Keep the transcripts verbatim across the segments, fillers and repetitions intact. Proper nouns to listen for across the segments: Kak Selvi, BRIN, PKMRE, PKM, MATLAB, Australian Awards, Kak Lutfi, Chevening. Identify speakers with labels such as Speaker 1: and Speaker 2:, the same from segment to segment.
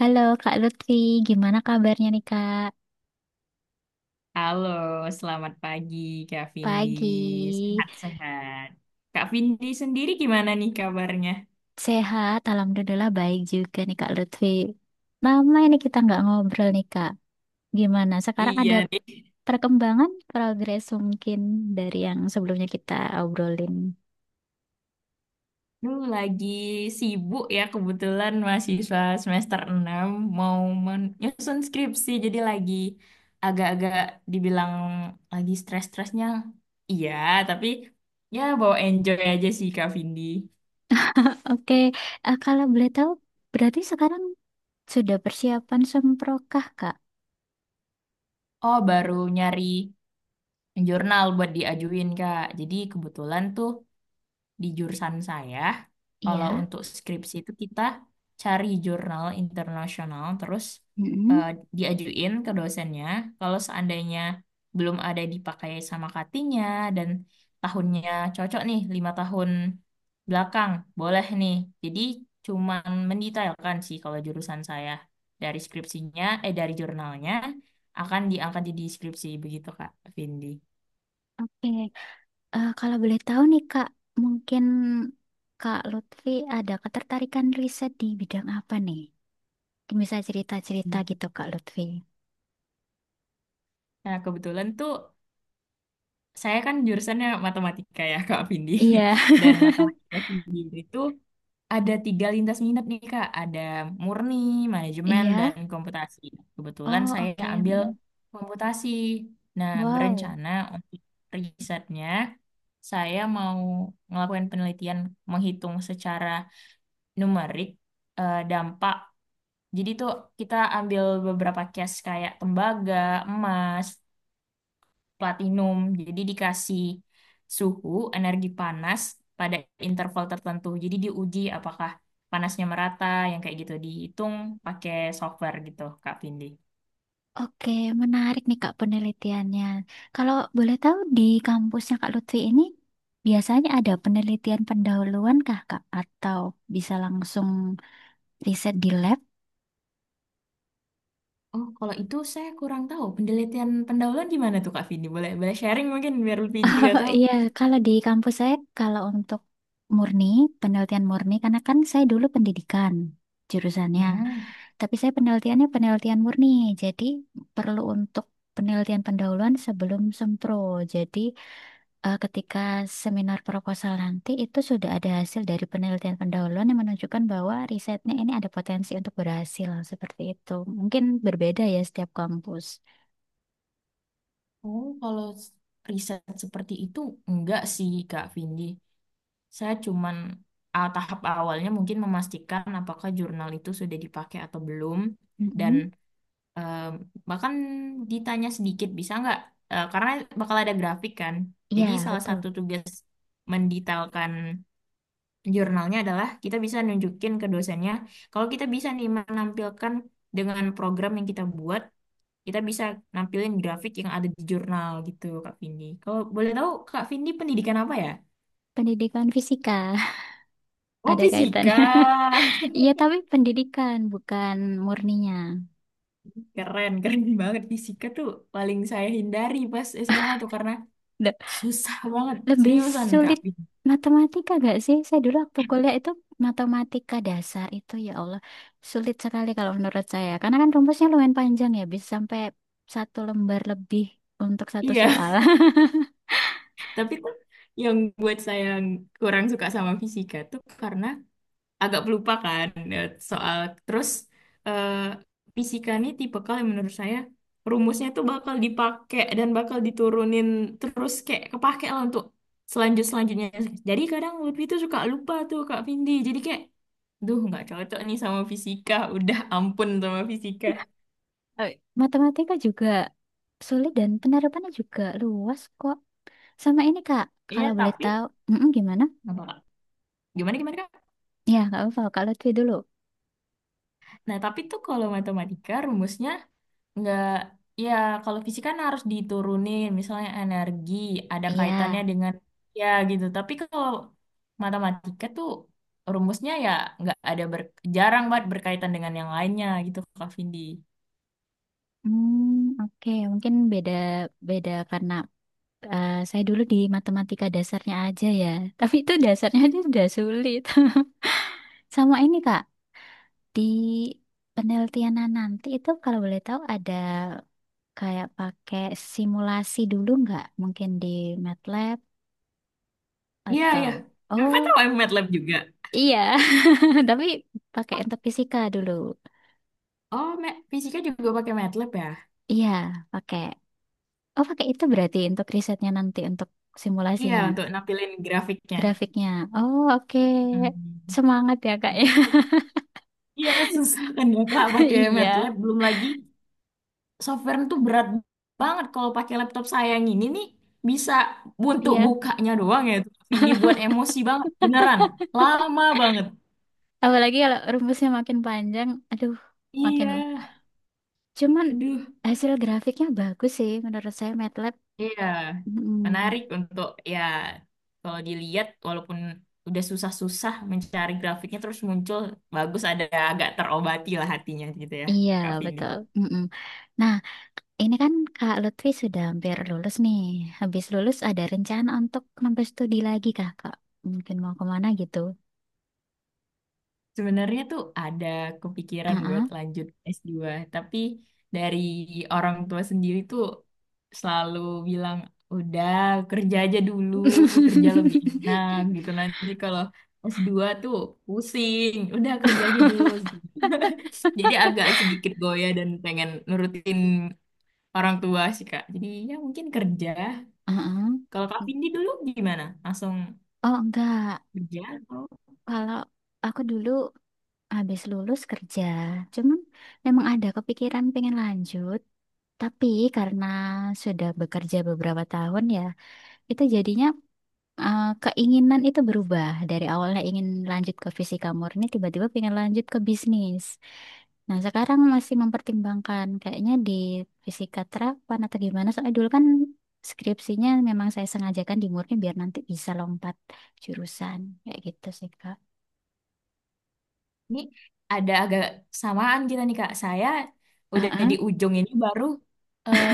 Speaker 1: Halo Kak Lutfi, gimana kabarnya nih Kak?
Speaker 2: Halo, selamat pagi Kak Vindi.
Speaker 1: Pagi,
Speaker 2: Sehat-sehat. Kak Vindi sendiri gimana nih kabarnya?
Speaker 1: sehat, alhamdulillah baik juga nih Kak Lutfi. Lama ini kita nggak ngobrol nih Kak. Gimana? Sekarang
Speaker 2: Iya
Speaker 1: ada
Speaker 2: nih.
Speaker 1: perkembangan, progres mungkin dari yang sebelumnya kita obrolin.
Speaker 2: Lu lagi sibuk ya, kebetulan mahasiswa semester enam mau menyusun skripsi jadi lagi agak-agak dibilang lagi stres-stresnya. Iya, tapi ya bawa enjoy aja sih Kak Vindi.
Speaker 1: Oke, eh, kalau boleh tahu, berarti sekarang sudah persiapan semprokah Kak?
Speaker 2: Oh, baru nyari jurnal buat diajuin, Kak. Jadi kebetulan tuh di jurusan saya, kalau
Speaker 1: Iya.
Speaker 2: untuk skripsi itu kita cari jurnal internasional, terus eh,
Speaker 1: Mm-mm.
Speaker 2: diajuin ke dosennya. Kalau seandainya belum ada dipakai sama cuttingnya dan tahunnya cocok nih, lima tahun belakang, boleh nih. Jadi cuman mendetailkan sih, kalau jurusan saya dari skripsinya, eh dari jurnalnya akan diangkat jadi skripsi begitu Kak Vindi.
Speaker 1: Oke. Eh, kalau boleh tahu nih Kak, mungkin Kak Lutfi ada ketertarikan riset di bidang apa nih? Mungkin bisa cerita-cerita
Speaker 2: Hmm.
Speaker 1: gitu Kak Lutfi.
Speaker 2: Nah, kebetulan tuh saya kan jurusannya matematika ya, Kak Vindi.
Speaker 1: Iya.
Speaker 2: Dan matematika sendiri itu ada tiga lintas minat nih, Kak. Ada murni, manajemen,
Speaker 1: Iya.
Speaker 2: dan komputasi. Kebetulan
Speaker 1: Oh,
Speaker 2: saya
Speaker 1: oke.
Speaker 2: ambil
Speaker 1: Mm.
Speaker 2: komputasi. Nah,
Speaker 1: Wow.
Speaker 2: berencana untuk risetnya, saya mau ngelakuin penelitian menghitung secara numerik eh, dampak. Jadi tuh kita ambil beberapa case kayak tembaga, emas, platinum. Jadi dikasih suhu energi panas pada interval tertentu. Jadi diuji apakah panasnya merata, yang kayak gitu dihitung pakai software gitu Kak Vindi.
Speaker 1: Oke, menarik nih Kak penelitiannya. Kalau boleh tahu di kampusnya Kak Lutfi ini biasanya ada penelitian pendahuluan kah Kak? Atau bisa langsung riset di lab?
Speaker 2: Oh, kalau itu saya kurang tahu. Penelitian pendahuluan gimana tuh Kak Vindi? Boleh boleh sharing mungkin biar lebih juga
Speaker 1: Oh
Speaker 2: tahu.
Speaker 1: iya, kalau di kampus saya, kalau untuk murni, penelitian murni, karena kan saya dulu pendidikan jurusannya,
Speaker 2: Hmm.
Speaker 1: tapi saya penelitiannya penelitian murni, jadi perlu untuk penelitian pendahuluan sebelum sempro. Jadi eh, ketika seminar proposal nanti itu sudah ada hasil dari penelitian pendahuluan yang menunjukkan bahwa risetnya ini ada potensi untuk berhasil, seperti itu. Mungkin berbeda ya setiap kampus.
Speaker 2: Oh, kalau s- riset seperti itu enggak sih Kak Vindi. Saya cuman ah, tahap awalnya mungkin memastikan apakah jurnal itu sudah dipakai atau belum. Dan
Speaker 1: Mm-mm.
Speaker 2: Eh, bahkan ditanya sedikit bisa nggak? Eh, karena bakal ada grafik kan. Jadi
Speaker 1: Iya,
Speaker 2: salah satu
Speaker 1: betul.
Speaker 2: tugas mendetailkan jurnalnya adalah kita bisa nunjukin ke dosennya, kalau kita bisa nih menampilkan dengan program yang kita buat, kita bisa nampilin grafik yang ada di jurnal gitu Kak Vindi. Kalau boleh tahu Kak Vindi pendidikan apa ya?
Speaker 1: Pendidikan fisika
Speaker 2: Oh
Speaker 1: ada kaitannya.
Speaker 2: fisika,
Speaker 1: Iya, tapi pendidikan bukan murninya.
Speaker 2: keren keren banget fisika tuh paling saya hindari pas S M A tuh karena
Speaker 1: Le-
Speaker 2: susah banget
Speaker 1: Lebih
Speaker 2: seriusan Kak.
Speaker 1: sulit matematika gak sih? Saya dulu waktu kuliah itu matematika dasar itu ya Allah sulit sekali kalau menurut saya. Karena kan rumusnya lumayan panjang ya, bisa sampai satu lembar lebih untuk satu
Speaker 2: Iya.
Speaker 1: soal.
Speaker 2: Tapi tuh yang buat saya kurang suka sama fisika tuh karena agak pelupakan ya, soal terus eh, fisika nih tipikal yang menurut saya rumusnya tuh bakal dipakai dan bakal diturunin terus kayak kepake lah untuk selanjut selanjutnya. Jadi kadang Lutfi tuh suka lupa tuh Kak Vindi. Jadi kayak, duh nggak cocok nih sama fisika. Udah ampun sama fisika.
Speaker 1: Eh, Matematika juga sulit dan penerapannya juga luas kok. Sama ini Kak,
Speaker 2: Iya
Speaker 1: kalau boleh
Speaker 2: tapi
Speaker 1: tahu, Mm-mm, gimana?
Speaker 2: apa Kak? Gimana gimana Kak?
Speaker 1: Ya, nggak apa-apa. Kak Lutfi dulu.
Speaker 2: Nah tapi tuh kalau matematika rumusnya, nggak, ya kalau fisika kan harus diturunin, misalnya energi, ada
Speaker 1: Iya.
Speaker 2: kaitannya dengan ya gitu. Tapi kalau matematika tuh rumusnya ya nggak ada ber, jarang banget berkaitan dengan yang lainnya gitu Kak Vindi.
Speaker 1: Hmm, oke. Mungkin beda beda karena eh, saya dulu di matematika dasarnya aja ya. Tapi itu dasarnya aja sudah sulit. Sama ini Kak, di penelitianan nanti itu kalau boleh tahu ada kayak pakai simulasi dulu nggak? Mungkin di MATLAB
Speaker 2: Iya,
Speaker 1: atau
Speaker 2: iya. Kakak
Speaker 1: Oh,
Speaker 2: tahu yang MATLAB juga?
Speaker 1: iya. Tapi pakai untuk fisika dulu.
Speaker 2: Oh, Ma- fisika juga pakai MATLAB ya?
Speaker 1: Iya, pakai. Oh, pakai itu berarti untuk risetnya nanti untuk
Speaker 2: Iya,
Speaker 1: simulasinya.
Speaker 2: untuk nampilin grafiknya.
Speaker 1: Grafiknya. Oh, oke.
Speaker 2: Hmm.
Speaker 1: Semangat ya, Kak ya.
Speaker 2: Gitu. Iya, susah kan ya Kak pakai
Speaker 1: Iya.
Speaker 2: MATLAB, belum lagi software itu berat banget kalau pakai laptop saya yang ini nih, bisa untuk
Speaker 1: Iya.
Speaker 2: bukanya doang ya tapi dibuat emosi banget beneran, lama banget.
Speaker 1: Apalagi kalau rumusnya makin panjang, aduh, makin.
Speaker 2: Iya,
Speaker 1: Cuman
Speaker 2: aduh,
Speaker 1: hasil grafiknya bagus sih menurut saya MATLAB.
Speaker 2: iya,
Speaker 1: Mm.
Speaker 2: menarik untuk, ya kalau dilihat walaupun udah susah-susah mencari grafiknya terus muncul bagus, ada agak terobati lah hatinya gitu ya
Speaker 1: Iya,
Speaker 2: Kak Vindi.
Speaker 1: betul. Mm-mm. Nah, ini kan Kak Lutfi sudah hampir lulus nih. Habis lulus ada rencana untuk nambah studi lagi, Kakak? Mungkin mau kemana gitu.
Speaker 2: Sebenarnya tuh ada kepikiran
Speaker 1: Ah,
Speaker 2: buat
Speaker 1: ah.
Speaker 2: lanjut s dua tapi dari orang tua sendiri tuh selalu bilang, udah kerja aja dulu, kerja lebih enak gitu. Nanti kalau s dua tuh pusing, udah kerja aja dulu. Jadi agak sedikit goyah dan pengen nurutin orang tua sih, Kak. Jadi ya mungkin kerja.
Speaker 1: Ah, ah.
Speaker 2: Kalau Kak Vindi dulu gimana? Langsung
Speaker 1: Oh, enggak.
Speaker 2: kerja?
Speaker 1: Kalau aku dulu habis lulus kerja. Cuman memang ada kepikiran pengen lanjut, tapi karena sudah bekerja beberapa tahun ya, itu jadinya eh, keinginan itu berubah. Dari awalnya ingin lanjut ke fisika murni, tiba-tiba pengen lanjut ke bisnis. Nah, sekarang masih mempertimbangkan kayaknya di fisika terapan atau gimana. Soalnya dulu kan skripsinya memang saya sengajakan di murni biar nanti bisa lompat jurusan. Kayak gitu sih, Kak.
Speaker 2: Ini ada agak samaan kita nih Kak. Saya udah di
Speaker 1: Heeh.
Speaker 2: ujung ini baru eh,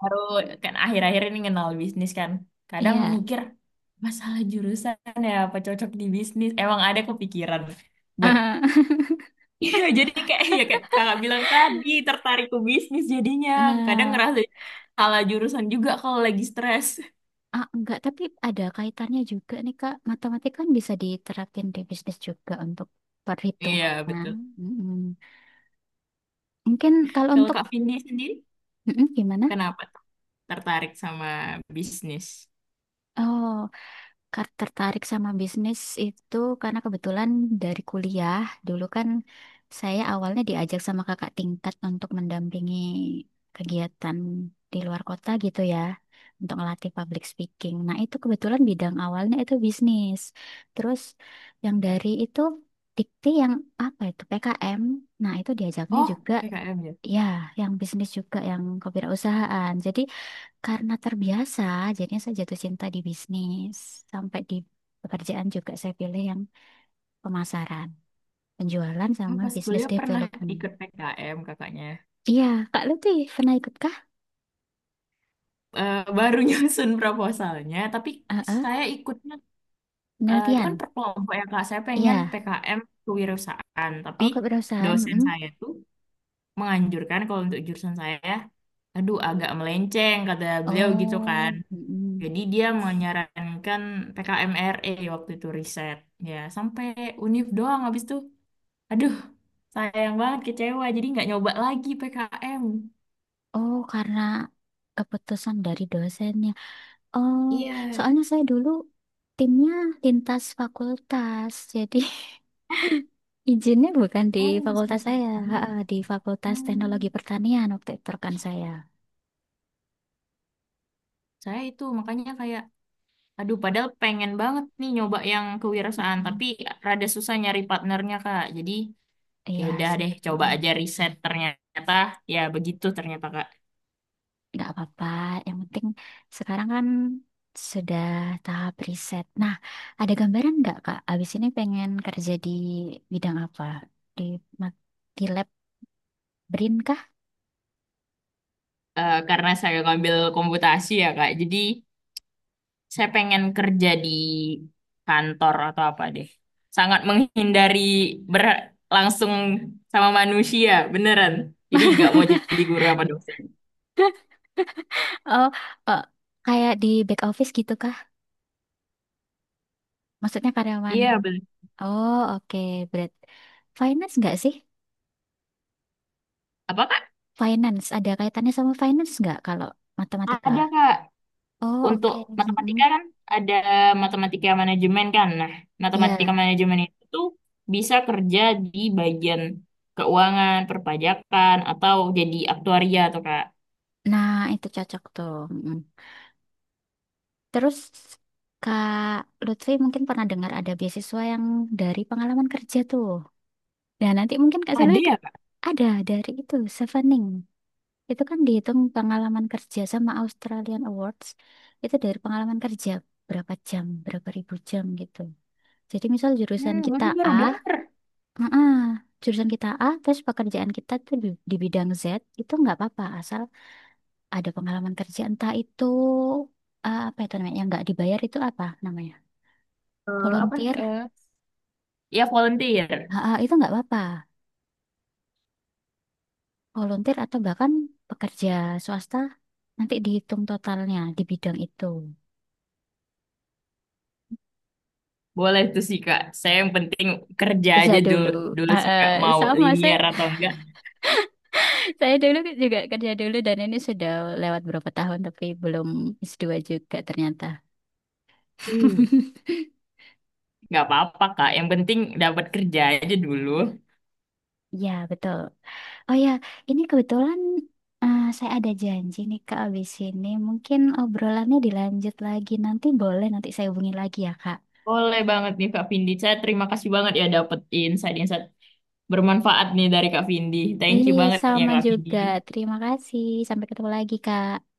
Speaker 2: baru kan akhir-akhir ini kenal bisnis kan. Kadang
Speaker 1: Iya.
Speaker 2: mikir masalah jurusan ya apa cocok di bisnis. Emang ada kepikiran buat iya, jadi kayak ya kayak kakak bilang tadi tertarik ke bisnis jadinya kadang
Speaker 1: Nah,
Speaker 2: ngerasa salah jurusan juga kalau lagi stres.
Speaker 1: ah, enggak, tapi ada kaitannya juga nih, Kak. Matematika kan bisa diterapin di bisnis juga untuk
Speaker 2: Iya
Speaker 1: perhitungannya.
Speaker 2: betul.
Speaker 1: Mm-mm. Mungkin kalau
Speaker 2: Kalau
Speaker 1: untuk
Speaker 2: Kak Vindi sendiri
Speaker 1: Mm-mm, gimana?
Speaker 2: kenapa tertarik sama bisnis?
Speaker 1: Oh. Kar- Tertarik sama bisnis itu karena kebetulan dari kuliah dulu kan saya awalnya diajak sama kakak tingkat untuk mendampingi kegiatan di luar kota gitu ya untuk ngelatih public speaking. Nah itu kebetulan bidang awalnya itu bisnis. Terus yang dari itu dikti yang apa itu P K M. Nah itu diajaknya
Speaker 2: Oh,
Speaker 1: juga
Speaker 2: P K M.
Speaker 1: ya yang bisnis juga yang kewirausahaan. Jadi karena terbiasa, jadinya saya jatuh cinta di bisnis. Sampai di pekerjaan juga saya pilih yang pemasaran, penjualan
Speaker 2: Oh,
Speaker 1: sama
Speaker 2: pas
Speaker 1: business
Speaker 2: kuliah pernah
Speaker 1: development.
Speaker 2: ikut P K M kakaknya.
Speaker 1: Iya, Kak Lutfi pernah ikut kah?
Speaker 2: Eh, baru nyusun proposalnya, tapi
Speaker 1: Heeh,
Speaker 2: saya ikutnya eh, itu kan
Speaker 1: penelitian.
Speaker 2: per kelompok ya kak. Saya pengen
Speaker 1: Iya.
Speaker 2: P K M kewirausahaan, tapi
Speaker 1: Oh, keperusahaan.
Speaker 2: dosen
Speaker 1: Mm.
Speaker 2: saya tuh menganjurkan kalau untuk jurusan saya, aduh agak melenceng kata beliau gitu kan.
Speaker 1: Oh, mm-mm.
Speaker 2: Jadi dia menyarankan P K M R E waktu itu riset. Ya sampai univ doang habis itu, aduh sayang banget kecewa. Jadi nggak nyoba lagi P K M.
Speaker 1: Oh, karena keputusan dari dosennya. Oh,
Speaker 2: Iya.
Speaker 1: soalnya saya dulu timnya lintas fakultas, jadi Izinnya bukan di
Speaker 2: Oh, lintas
Speaker 1: fakultas saya,
Speaker 2: Afrika.
Speaker 1: ha, ha, di Fakultas Teknologi
Speaker 2: Hmm.
Speaker 1: Pertanian waktu itu kan saya.
Speaker 2: Saya itu makanya kayak, aduh padahal pengen banget nih nyoba yang kewirausahaan,
Speaker 1: Hmm.
Speaker 2: tapi rada susah nyari partnernya Kak. Jadi ya
Speaker 1: Iya
Speaker 2: udah
Speaker 1: sih,
Speaker 2: deh, coba
Speaker 1: mm-mm.
Speaker 2: aja riset ternyata ya begitu ternyata Kak.
Speaker 1: Nggak apa-apa. Yang penting sekarang kan sudah tahap riset. Nah, ada gambaran nggak Kak? Abis ini pengen kerja di bidang apa? Di, ma- di lab BRIN kah?
Speaker 2: Eh, karena saya ngambil komputasi ya Kak, jadi saya pengen kerja di kantor atau apa deh. Sangat menghindari ber- langsung sama manusia, beneran. Jadi nggak mau jadi guru apa dosen.
Speaker 1: Oh, oh, kayak di back office gitu kah? Maksudnya karyawan.
Speaker 2: Iya, bener.
Speaker 1: Oh, oke. Berat. Finance nggak sih?
Speaker 2: Apa Kak?
Speaker 1: Finance, ada kaitannya sama finance nggak kalau matematika?
Speaker 2: Ada Kak.
Speaker 1: Oh,
Speaker 2: Untuk
Speaker 1: oke.
Speaker 2: matematika
Speaker 1: Mm-mm.
Speaker 2: kan ada matematika manajemen kan. Nah, matematika
Speaker 1: Iya.
Speaker 2: manajemen itu tuh bisa kerja di bagian keuangan, perpajakan, atau jadi aktuaria atau kak.
Speaker 1: Nah, itu cocok tuh. Mm-mm. Terus, Kak Lutfi mungkin pernah dengar ada beasiswa yang dari pengalaman kerja tuh. Nah, nanti mungkin Kak Selvi
Speaker 2: Ada ya
Speaker 1: ke-
Speaker 2: kak?
Speaker 1: ada dari itu, Chevening. Itu kan dihitung pengalaman kerja sama Australian Awards. Itu dari pengalaman kerja, berapa jam, berapa ribu jam gitu. Jadi misal jurusan
Speaker 2: Hmm,
Speaker 1: kita
Speaker 2: baru baru
Speaker 1: A,
Speaker 2: dengar.
Speaker 1: Heeh. Jurusan kita A, terus pekerjaan kita tuh di, di bidang Z, itu nggak apa-apa, asal ada pengalaman kerja entah itu eh, apa itu namanya, yang nggak dibayar itu apa namanya,
Speaker 2: Eh, apa?
Speaker 1: volunteer,
Speaker 2: eh, ya volunteer.
Speaker 1: Heeh, itu nggak apa-apa, volunteer atau bahkan pekerja swasta nanti dihitung totalnya di bidang itu.
Speaker 2: Boleh tuh sih kak. Saya yang penting kerja
Speaker 1: Kerja
Speaker 2: aja dulu,
Speaker 1: dulu,
Speaker 2: dulu sih kak.
Speaker 1: Heeh,
Speaker 2: Mau
Speaker 1: sama saya,
Speaker 2: linear atau enggak.
Speaker 1: saya dulu juga kerja dulu dan ini sudah lewat berapa tahun tapi belum es dua juga ternyata.
Speaker 2: Hmm, nggak apa-apa kak. Yang penting dapat kerja aja dulu.
Speaker 1: Ya, betul. Oh ya, ini kebetulan eh, saya ada janji nih Kak abis ini. Mungkin obrolannya dilanjut lagi nanti boleh nanti saya hubungi lagi ya Kak.
Speaker 2: Boleh banget nih Kak Vindi. Saya terima kasih banget ya dapat insight-insight bermanfaat nih dari Kak Vindi. Thank you
Speaker 1: Iya,
Speaker 2: banget ya
Speaker 1: sama
Speaker 2: Kak Vindi.
Speaker 1: juga. Terima kasih. Sampai ketemu lagi Kak.